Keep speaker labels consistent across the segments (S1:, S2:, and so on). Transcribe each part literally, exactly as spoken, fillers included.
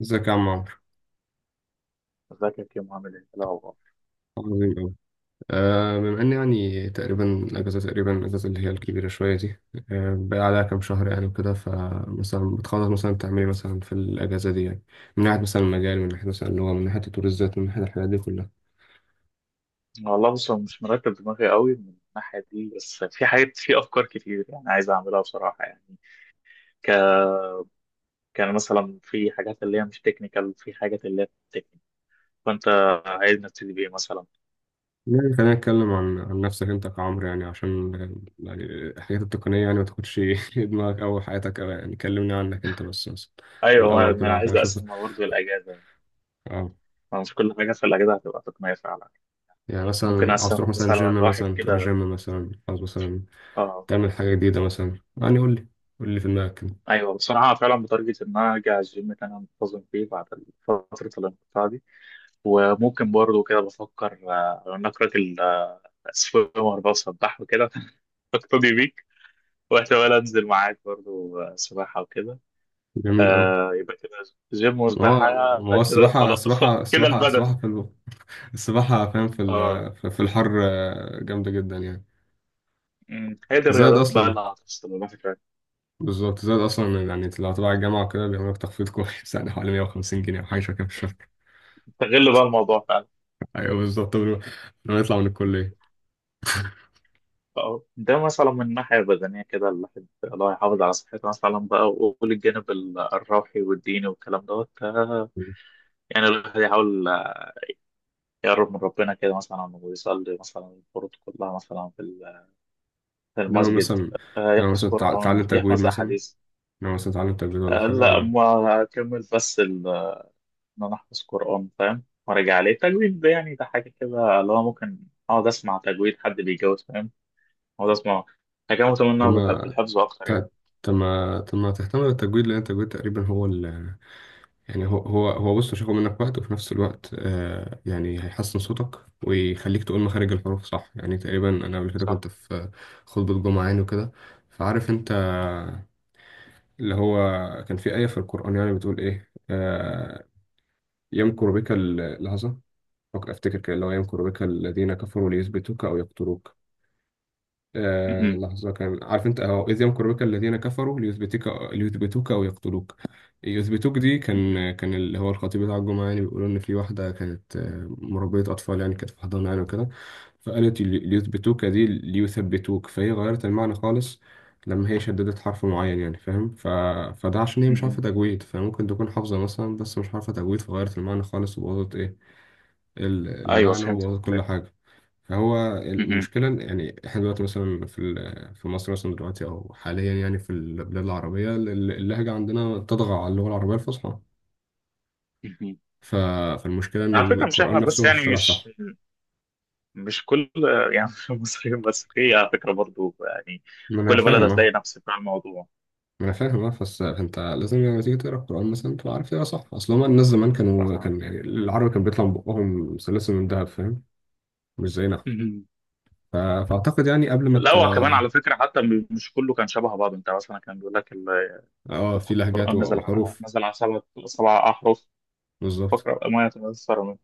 S1: ازيك يا عم عمرو.
S2: ازيك يا عامل ايه؟ لا والله.
S1: عظيم أوي. آه، بما إن يعني تقريبا الأجازة تقريبا الأجازة اللي هي الكبيرة شوية دي، آه، بقى عليها كام شهر يعني وكده، فمثلا بتخلص مثلا تعملي مثلا في الأجازة دي يعني، من ناحية مثلا المجال، من ناحية مثلا اللغة، من ناحية تطوير الذات، من ناحية الحاجات دي كلها.
S2: والله بص، أنا مش مرتب دماغي قوي من الناحيه دي، بس في حاجات، في افكار كتير يعني عايز اعملها بصراحه يعني. ك... كان مثلا في حاجات اللي هي مش تكنيكال، في حاجات اللي هي تكنيكال. فانت عايز نبتدي بايه مثلا؟
S1: يعني خلينا نتكلم عن عن نفسك أنت كعمرو، يعني عشان، يعني الحاجات التقنية يعني ما تاخدش دماغك أو حياتك أوي، يعني كلمني عنك أنت بس مثلا
S2: ايوه، ما
S1: الأول
S2: ما
S1: كده
S2: انا
S1: عشان
S2: عايز
S1: أشوف.
S2: اقسمها برضه الاجازه،
S1: اه،
S2: ما مش كل حاجه في الاجازه هتبقى تقنيه فعلا.
S1: يعني
S2: ممكن
S1: مثلا عاوز تروح
S2: اقسمها
S1: مثلا
S2: مثلا
S1: جيم،
S2: لواحد
S1: مثلا تروح
S2: كده.
S1: جيم، مثلا عاوز مثلا
S2: اه،
S1: تعمل حاجة جديدة مثلا، يعني قول لي، قول لي في دماغك كده.
S2: ايوه بصراحه فعلا بتارجت ان انا ارجع الجيم اللي انا منتظم فيه بعد فتره الانقطاع دي. وممكن برضه كده بفكر آه، نقرة سباحة، وأربعة سباح وكده. أقتدي بيك، واحتمال أنزل معاك برضو آه، سباحة وكده.
S1: جميل أوي.
S2: آه يبقى كده، جيم
S1: ما
S2: وسباحة.
S1: هو ما هو
S2: كده
S1: السباحة
S2: خلاص.
S1: السباحة
S2: كده
S1: السباحة السباحة
S2: البدن.
S1: في ال- السباحة، فاهم، في
S2: اه.
S1: ال- في في الحر، آه، جامدة جدا يعني.
S2: أمم، هي دي
S1: زائد
S2: الرياضات بقى
S1: أصلا،
S2: اللي هتفصل الواحد فعلا.
S1: بالظبط زائد أصلا، يعني لو تبع الجامعة وكده بيعملوا لك تخفيض كويس يعني حوالي مية وخمسين جنيه أو حاجة شبه كده في الشهر.
S2: استغل بقى الموضوع فعلا.
S1: أيوه بالظبط، قبل ما قبل ما نطلع من الكلية.
S2: اه، ده مثلا من الناحية البدنية كده الواحد، الله يحافظ على صحته مثلا بقى، وقول الجانب ال- الروحي والديني والكلام دوت. آه، يعني الواحد يحاول يقرب من ربنا كده مثلا، ويصلي مثلا الفروض كلها مثلا
S1: إنما
S2: المسجد.
S1: مثلا،
S2: آه،
S1: إنما
S2: يحفظ
S1: مثلا تع-
S2: قرآن،
S1: تعلم تجويد
S2: يحفظ
S1: مثلا،
S2: أحاديث.
S1: إنما مثلا تعلم تجويد ولا
S2: آه،
S1: حاجة
S2: لا
S1: ولا؟
S2: ما أكمل، بس ال- إن أنا أحفظ قرآن فاهم، وأرجع عليه التجويد ده، يعني ده حاجة كده اللي هو ممكن أقعد أسمع تجويد حد بيجوز فاهم، أقعد أسمع حاجة
S1: طب
S2: متمنة بالح-
S1: ما
S2: بالحفظ أكتر يعني.
S1: ت- طب ما طب ما تهتم بالتجويد، لأن التجويد تقريبا هو ال، يعني هو هو هو بص، مش هياخد منك وقت، وفي نفس الوقت آه يعني هيحسن صوتك ويخليك تقول مخارج الحروف صح، يعني تقريبا انا قبل كده
S2: صح.
S1: كنت في خطبة جمعة يعني وكده، فعارف انت اللي هو كان في آية في القرآن يعني بتقول ايه، آه، يمكر بك ال- لحظة، أفكر- افتكر كده، اللي هو يمكر بك الذين كفروا ليثبتوك او يقتلوك. آه
S2: مهم.
S1: لحظة، كان عارف انت اهو، إذ يمكرك الذين كفروا ليثبتك ليثبتوك أو يقتلوك. يثبتوك دي
S2: مهم.
S1: كان كان اللي هو الخطيب بتاع الجمعة يعني بيقولوا، إن في واحدة كانت آه، مربية أطفال يعني كانت في حضانة يعني وكده، فقالت لي- ليثبتوك دي، ليثبتوك، فهي غيرت المعنى خالص لما هي شددت حرف معين، يعني فاهم، ف... فده عشان هي مش عارفة
S2: مهم.
S1: تجويد، فممكن تكون حافظة مثلا بس مش عارفة تجويد، فغيرت المعنى خالص وبوظت إيه ال-
S2: أيوه
S1: المعنى،
S2: فهمت
S1: وبوظت كل
S2: فهمت.
S1: حاجة. فهو
S2: مهم.
S1: المشكلة إن- يعني احنا دلوقتي مثلا في ال- في مصر مثلا دلوقتي أو حاليا، يعني في البلاد العربية ال- اللهجة عندنا تطغى على اللغة العربية الفصحى.
S2: مهم.
S1: ف- فالمشكلة إن
S2: على فكرة مش
S1: القرآن
S2: إحنا
S1: نفسه
S2: بس
S1: مش
S2: يعني،
S1: طالع صح.
S2: مش مش كل يعني، مش المصريين بس في على فكرة برضو يعني،
S1: ما
S2: في
S1: أنا
S2: كل بلد
S1: فاهم
S2: هتلاقي
S1: أه.
S2: نفس بتاع الموضوع.
S1: ما أنا فاهم أه، بس أنت لازم لما تيجي تقرأ القرآن مثلا تبقى عارف تقرأ صح، أصل هما الناس زمان كانوا،
S2: صح.
S1: كان يعني العربي كان بيطلع من بقهم سلاسل من دهب، فاهم، مش زينا. ف- فأعتقد يعني قبل ما
S2: لا،
S1: ت...
S2: هو كمان على فكرة، حتى م- مش كله كان شبه بعض، انت مثلا كان بيقول لك ال-
S1: أه في لهجات
S2: القرآن نزل على
S1: وحروف.
S2: نزل على سبع سبع أحرف،
S1: بالظبط،
S2: فاقرأ ما يتيسر منه.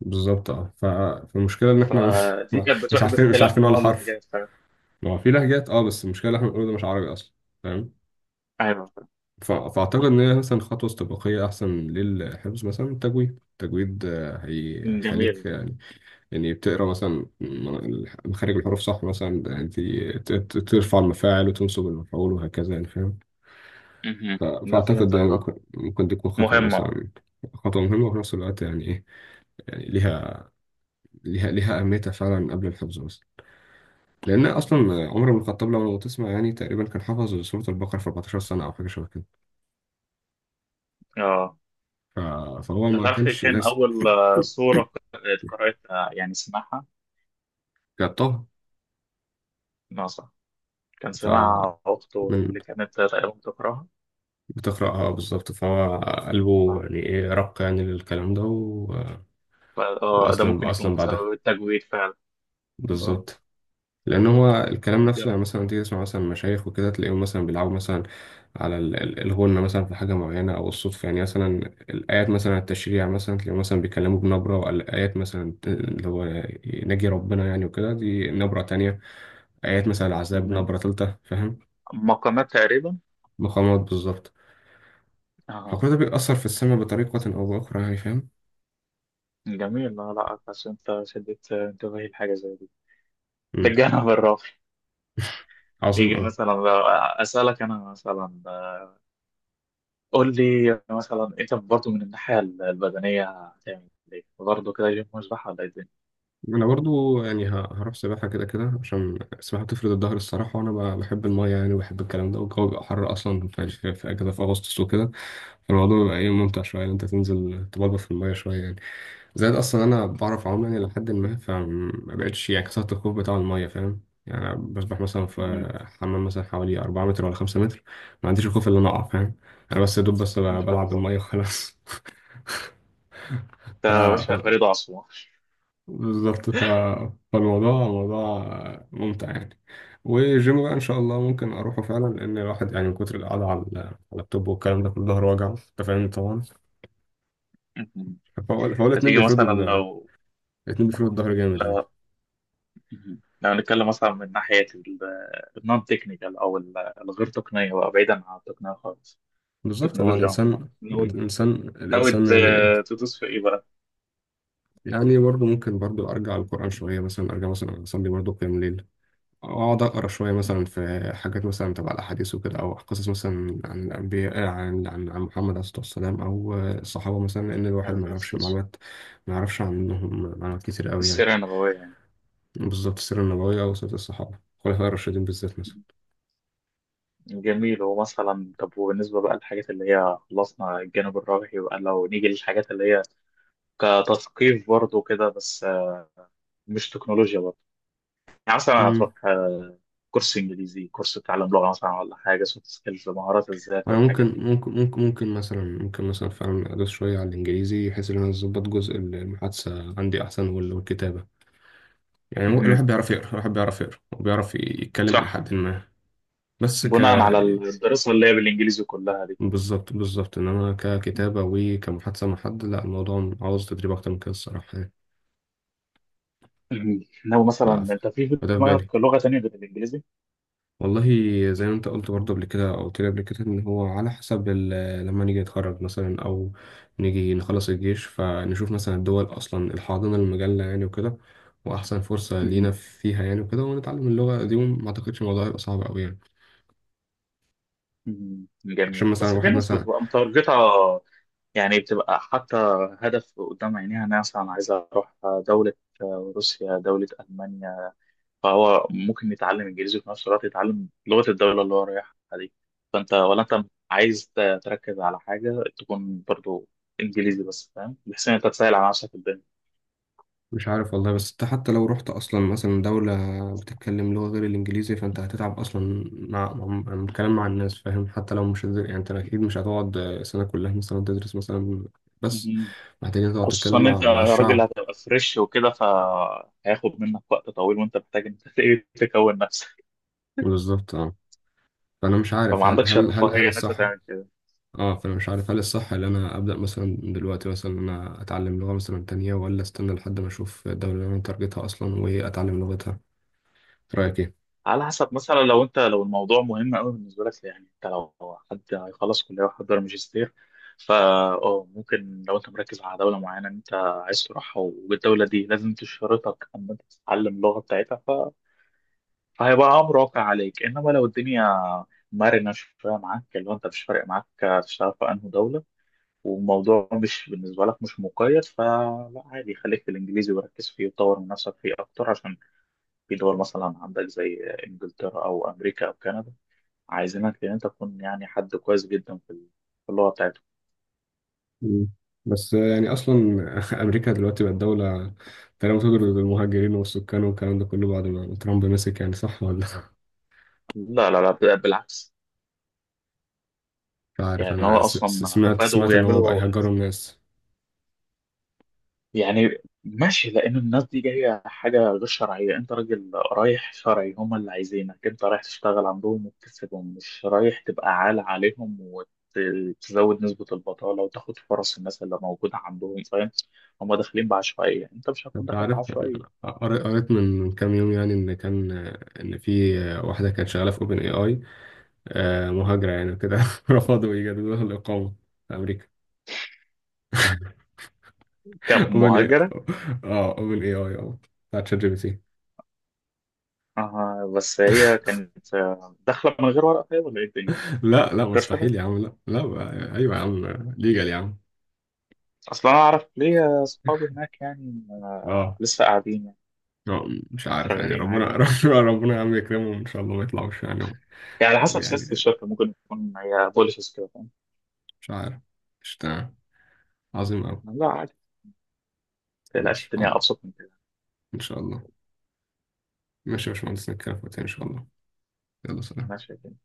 S1: بالظبط اه، ف... فالمشكله ان احنا مش،
S2: فدي كانت
S1: مش
S2: بتروح
S1: عارفين مش
S2: باختلاف
S1: عارفين ولا
S2: النوع اللي
S1: حرف.
S2: حاجات فاهم.
S1: ما هو في لهجات اه، بس المشكله اللي احنا بنقوله ده مش عربي اصلا، فاهم.
S2: أيوه فاهم.
S1: ف... فاعتقد ان هي مثلا خطوه استباقيه احسن للحفظ مثلا، التجويد، التجويد آه، هي... هيخليك
S2: جميل.
S1: يعني، يعني بتقرا مثلا م- مخارج الحروف صح مثلا يعني، ت- ت- ترفع المفاعل وتنصب المفعول وهكذا، يعني فاهم.
S2: مهم.
S1: ف...
S2: لا
S1: فاعتقد يعني
S2: فهمتك، اه.
S1: ممكن ممكن تكون خطوه
S2: مهمة، اه.
S1: مثلا، خطوه مهمه، وفي نفس الوقت يعني ايه، يعني ليها، ليها ليها اهميتها فعلا قبل الحفظ بس، لأن أصلا
S2: مهم.
S1: عمر بن الخطاب، لو لو تسمع يعني تقريبا كان حافظ سورة البقرة في 14 سنة أو حاجة شبه كده.
S2: اه،
S1: ف- فهو
S2: انت
S1: ما
S2: تعرف ايه
S1: كانش
S2: كان
S1: ناس
S2: أول آه، سورة ق- قرأتها يعني سمعها
S1: جابتها.
S2: ناصح؟ كان
S1: فمن
S2: سمعها أخته اللي كانت تقريبا بتقرأها.
S1: بتقرأها، بالظبط، فهو قلبه
S2: اه
S1: يعني إيه، رق يعني للكلام ده و...
S2: فا- آه، ده
S1: وأسلم
S2: ممكن يكون
S1: أسلم بعدها.
S2: بسبب التجويد فعلا. اه،
S1: بالظبط، لان هو الكلام نفسه،
S2: جامد.
S1: يعني مثلا تيجي تسمع مثلا مشايخ وكده تلاقيهم مثلا بيلعبوا مثلا على ال- ال- الغنة مثلا في حاجة معينة أو الصدفة يعني، مثلا الآيات مثلا التشريع مثلا تلاقيهم مثلا بيتكلموا بنبرة، والآيات مثلا اللي هو نجي ربنا يعني وكده دي نبرة تانية، آيات مثلا العذاب نبرة تالتة، فاهم.
S2: مقامات تقريبا.
S1: مقامات، بالظبط.
S2: اه،
S1: فكل ده بيأثر في السماء بطريقة أو بأخرى يعني، فاهم.
S2: جميل. لا لا، بس انت شدت انتباهي لحاجه زي دي. ده
S1: مم.
S2: الجانب الراقي.
S1: عظيم
S2: يجي
S1: أوي.
S2: مثلا بقى اسالك انا مثلا، قول لي مثلا انت برضه من الناحيه البدنيه هتعمل ايه برضه كده، جيم، مسبح، ولا ايه الدنيا؟
S1: انا برضو يعني ه- هروح سباحه كده كده، عشان السباحه بتفرد الظهر الصراحه، وانا ب- بحب المايه يعني، وبحب الكلام ده، والجو بيبقى حر اصلا في في في اجازه في اغسطس وكده، فالموضوع بيبقى ايه، ممتع شويه ان انت تنزل تبلبل في المايه شويه يعني. زائد اصلا انا بعرف اعوم يعني، لحد ما فما بقتش يعني، كسرت الخوف بتاع المايه، فاهم، يعني أنا بسبح مثلا
S2: مهم.
S1: في حمام مثلا حوالي 4 متر ولا 5 متر، ما عنديش الخوف اللي انا اقع، فاهم، انا بس يا دوب بس
S2: ما شاء
S1: بلعب
S2: الله،
S1: بالميه وخلاص
S2: ده
S1: ف...
S2: يا باشا فريد عصمه.
S1: بالظبط، ف... فالموضوع موضوع ممتع يعني. والجيم بقى ان شاء الله ممكن اروحه فعلا، لان الواحد يعني من كتر القعده على على اللابتوب والكلام ده كله ظهره وجعه، انت فاهم طبعا.
S2: مهم.
S1: فهو فهو الاتنين
S2: هتيجي
S1: بيفرضوا
S2: مثلا
S1: ال...
S2: لو
S1: الاتنين بيفرضوا الظهر جامد يعني.
S2: لو مهم. لو نتكلم مثلا من ناحيه النون تكنيكال او ال- الغير تقنيه بقى، بعيدا عن التقنيه خالص،
S1: بالظبط، هو
S2: التكنولوجيا عموما،
S1: الانسان
S2: ناوي
S1: الانسان
S2: ناوي
S1: الانسان
S2: ت-
S1: يعني،
S2: تدوس في ايه بقى؟
S1: يعني برضه ممكن برضه ارجع للقران شويه، مثلا ارجع مثلا اصلي برضه قيام ليل، اقعد اقرا شويه مثلا في حاجات مثلا تبع الاحاديث وكده، او قصص مثلا عن الانبياء، عن عن عن محمد عليه الصلاه والسلام، او الصحابه مثلا، لان الواحد
S2: عارف
S1: ما
S2: نفس
S1: يعرفش
S2: القصة،
S1: معلومات، ما يعرفش عنهم معلومات كتير قوي يعني.
S2: السيرة النبوية يعني.
S1: بالذات السيره النبويه، او سيره الصحابه الخلفاء الراشدين بالذات مثلا.
S2: جميل. هو مثلا طب، وبالنسبة بقى للحاجات اللي هي خلصنا الجانب الروحي بقى، لو نيجي للحاجات اللي هي كتثقيف برضه كده، بس آه، مش تكنولوجيا برضه، يعني مثلا
S1: امم،
S2: هتروح آه، كورس انجليزي، كورس تعلم لغة مثلا، ولا حاجة سوفت سكيلز، مهارات الذات
S1: انا
S2: والحاجات
S1: ممكن
S2: دي؟
S1: ممكن ممكن ممكن مثلا ممكن مثلا فعلا ادوس شويه على الانجليزي، بحيث ان انا اظبط جزء المحادثه عندي احسن وال- والكتابه يعني، مو-
S2: مهم.
S1: الواحد بيعرف يقرا، الواحد بيعرف يقرا وبيعرف يتكلم
S2: صح،
S1: الى حد ما، بس ك،
S2: بناء على الدراسة اللي هي بالانجليزي كلها دي.
S1: بالظبط بالظبط، انما ككتابة وكمحادثة مع حد، لا الموضوع عاوز تدريب اكتر من كده الصراحة يعني.
S2: مهم. لو
S1: ف-
S2: مثلا
S1: ف-
S2: انت، في في
S1: فده في بالي،
S2: دماغك لغة تانية غير الانجليزي؟
S1: والله. زي ما انت قلت برضه قبل كده، او قلت لي قبل كده، ان هو على حسب ال- لما نيجي نتخرج مثلا، او نيجي نخلص الجيش، فنشوف مثلا الدول اصلا الحاضنة المجلة يعني وكده، واحسن فرصة
S2: مهم.
S1: لينا فيها يعني وكده، ونتعلم اللغة دي، وما اعتقدش الموضوع هيبقى صعب قوي يعني،
S2: مم.
S1: عشان
S2: جميل،
S1: مثلا
S2: بس في
S1: واحد
S2: ناس
S1: مثلا.
S2: بتبقى متارجتة يعني، بتبقى حتى هدف قدام عينيها، أنا مثلا عايزة أروح دولة، روسيا، دولة ألمانيا، فهو ممكن يتعلم إنجليزي، وفي نفس الوقت يتعلم لغة الدولة اللي هو رايحها دي. فأنت، ولا أنت عايز ت- تركز على حاجة تكون برضو إنجليزي بس، فاهم، بحيث إن أنت تسهل على نفسك الدنيا.
S1: مش عارف والله، بس انت حتى لو رحت اصلا مثلا دولة بتتكلم لغة غير الانجليزي فانت هتتعب اصلا مع مع- مع الكلام مع الناس، فاهم، حتى لو مش هتدر- يعني انت اكيد مش هتقعد سنة كلها مثلا تدرس مثلا، بس
S2: مم.
S1: محتاجين تقعد
S2: خصوصا
S1: تتكلم
S2: إن
S1: مع
S2: أنت
S1: مع
S2: راجل
S1: الشعب.
S2: هتبقى فريش وكده، فهياخد منك وقت طويل، وأنت محتاج إن أنت تكون نفسك،
S1: بالظبط اه، فانا مش عارف
S2: فما
S1: هل
S2: عندكش
S1: هل هل هل
S2: الرفاهية إن أنت
S1: الصح،
S2: تعمل كده.
S1: اه فانا مش عارف هل الصح ان انا ابدا مثلا دلوقتي مثلا ان انا اتعلم لغة مثلا تانية، ولا استنى لحد ما اشوف الدولة اللي انا تارجتها اصلا واتعلم لغتها؟ رأيك ايه؟
S2: على حسب، مثلا لو انت، لو الموضوع مهم قوي بالنسبه لك، يعني انت لو حد هيخلص كليه ويحضر ماجستير، فا، اه ممكن. لو انت مركز على دوله معينه انت عايز تروحها، والدوله دي لازم تشترطك ان انت تتعلم اللغه بتاعتها، ف... فهيبقى امر واقع عليك. انما لو الدنيا مرنه شويه معاك، اللي هو انت مش فارق معاك تشتغل في انهي دوله، والموضوع مش بالنسبه لك مش مقيد، فلا عادي، خليك في الانجليزي وركز فيه، وطور من نفسك فيه اكتر، عشان في دول مثلا عندك زي انجلترا او امريكا او كندا، عايزينك ان انت تكون يعني حد كويس جدا في ال- في اللغه بتاعتهم.
S1: مم. بس يعني اصلا امريكا دلوقتي بقت دوله تقريبا بتضرب المهاجرين والسكان والكلام ده كله بعد ما ترامب مسك، يعني صح ولا؟
S2: لا لا لا، بالعكس.
S1: مش عارف
S2: يعني هو
S1: انا س- س-
S2: اصلا
S1: سمعت،
S2: بدأوا
S1: سمعت ان هو بقى
S2: يعملوا
S1: يهجروا الناس.
S2: يعني ماشي، لان الناس دي جايه حاجه غير شرعيه، انت راجل رايح شرعي، هم اللي عايزينك انت رايح تشتغل عندهم وتكسبهم، مش رايح تبقى عالة عليهم وتزود نسبه البطاله وتاخد فرص الناس اللي موجوده عندهم، فاهم؟ هم داخلين بعشوائيه، انت مش هتكون
S1: انت
S2: داخل
S1: عارف، أنا
S2: بعشوائيه
S1: قريت، قريت من من كام يوم يعني، ان كان، ان في واحده كانت شغاله في اوبن اي اي، مهاجره يعني كده رفضوا يجددوا لها الاقامه في امريكا. اوبن اي،
S2: كمهاجر.
S1: اه اوبن اي اي، اه بتاعت شات جي بي تي.
S2: آه، بس هي كانت آه، داخلة من غير ورقة طيب، ولا إيه الدنيا؟
S1: لا لا،
S2: كرش كمان؟
S1: مستحيل يا عم، لا لا بقى- ايوه يا عم، ليجل يا عم.
S2: أصلا أنا أعرف ليا صحابي هناك يعني، آه
S1: اه،
S2: لسه قاعدين يعني،
S1: آه، مش عارف يعني،
S2: شغالين
S1: ربنا
S2: عادي.
S1: ربنا، ربنا يا عم يكرمهم ان شاء الله ما يطلعوش يعني.
S2: يعني على حسب سياسة
S1: يعني،
S2: الشركة، ممكن تكون هي بوليسز كده، فاهم؟
S1: مش عارف، مش تمام. عظيم قوي،
S2: لا عادي، ما تقلقش،
S1: ماشي
S2: الدنيا
S1: عظيم،
S2: أبسط من كده.
S1: ان شاء الله. ماشي يا باشمهندس، نتكلم في وقتها ان شاء الله. يلا سلام.
S2: ماشي الدنيا.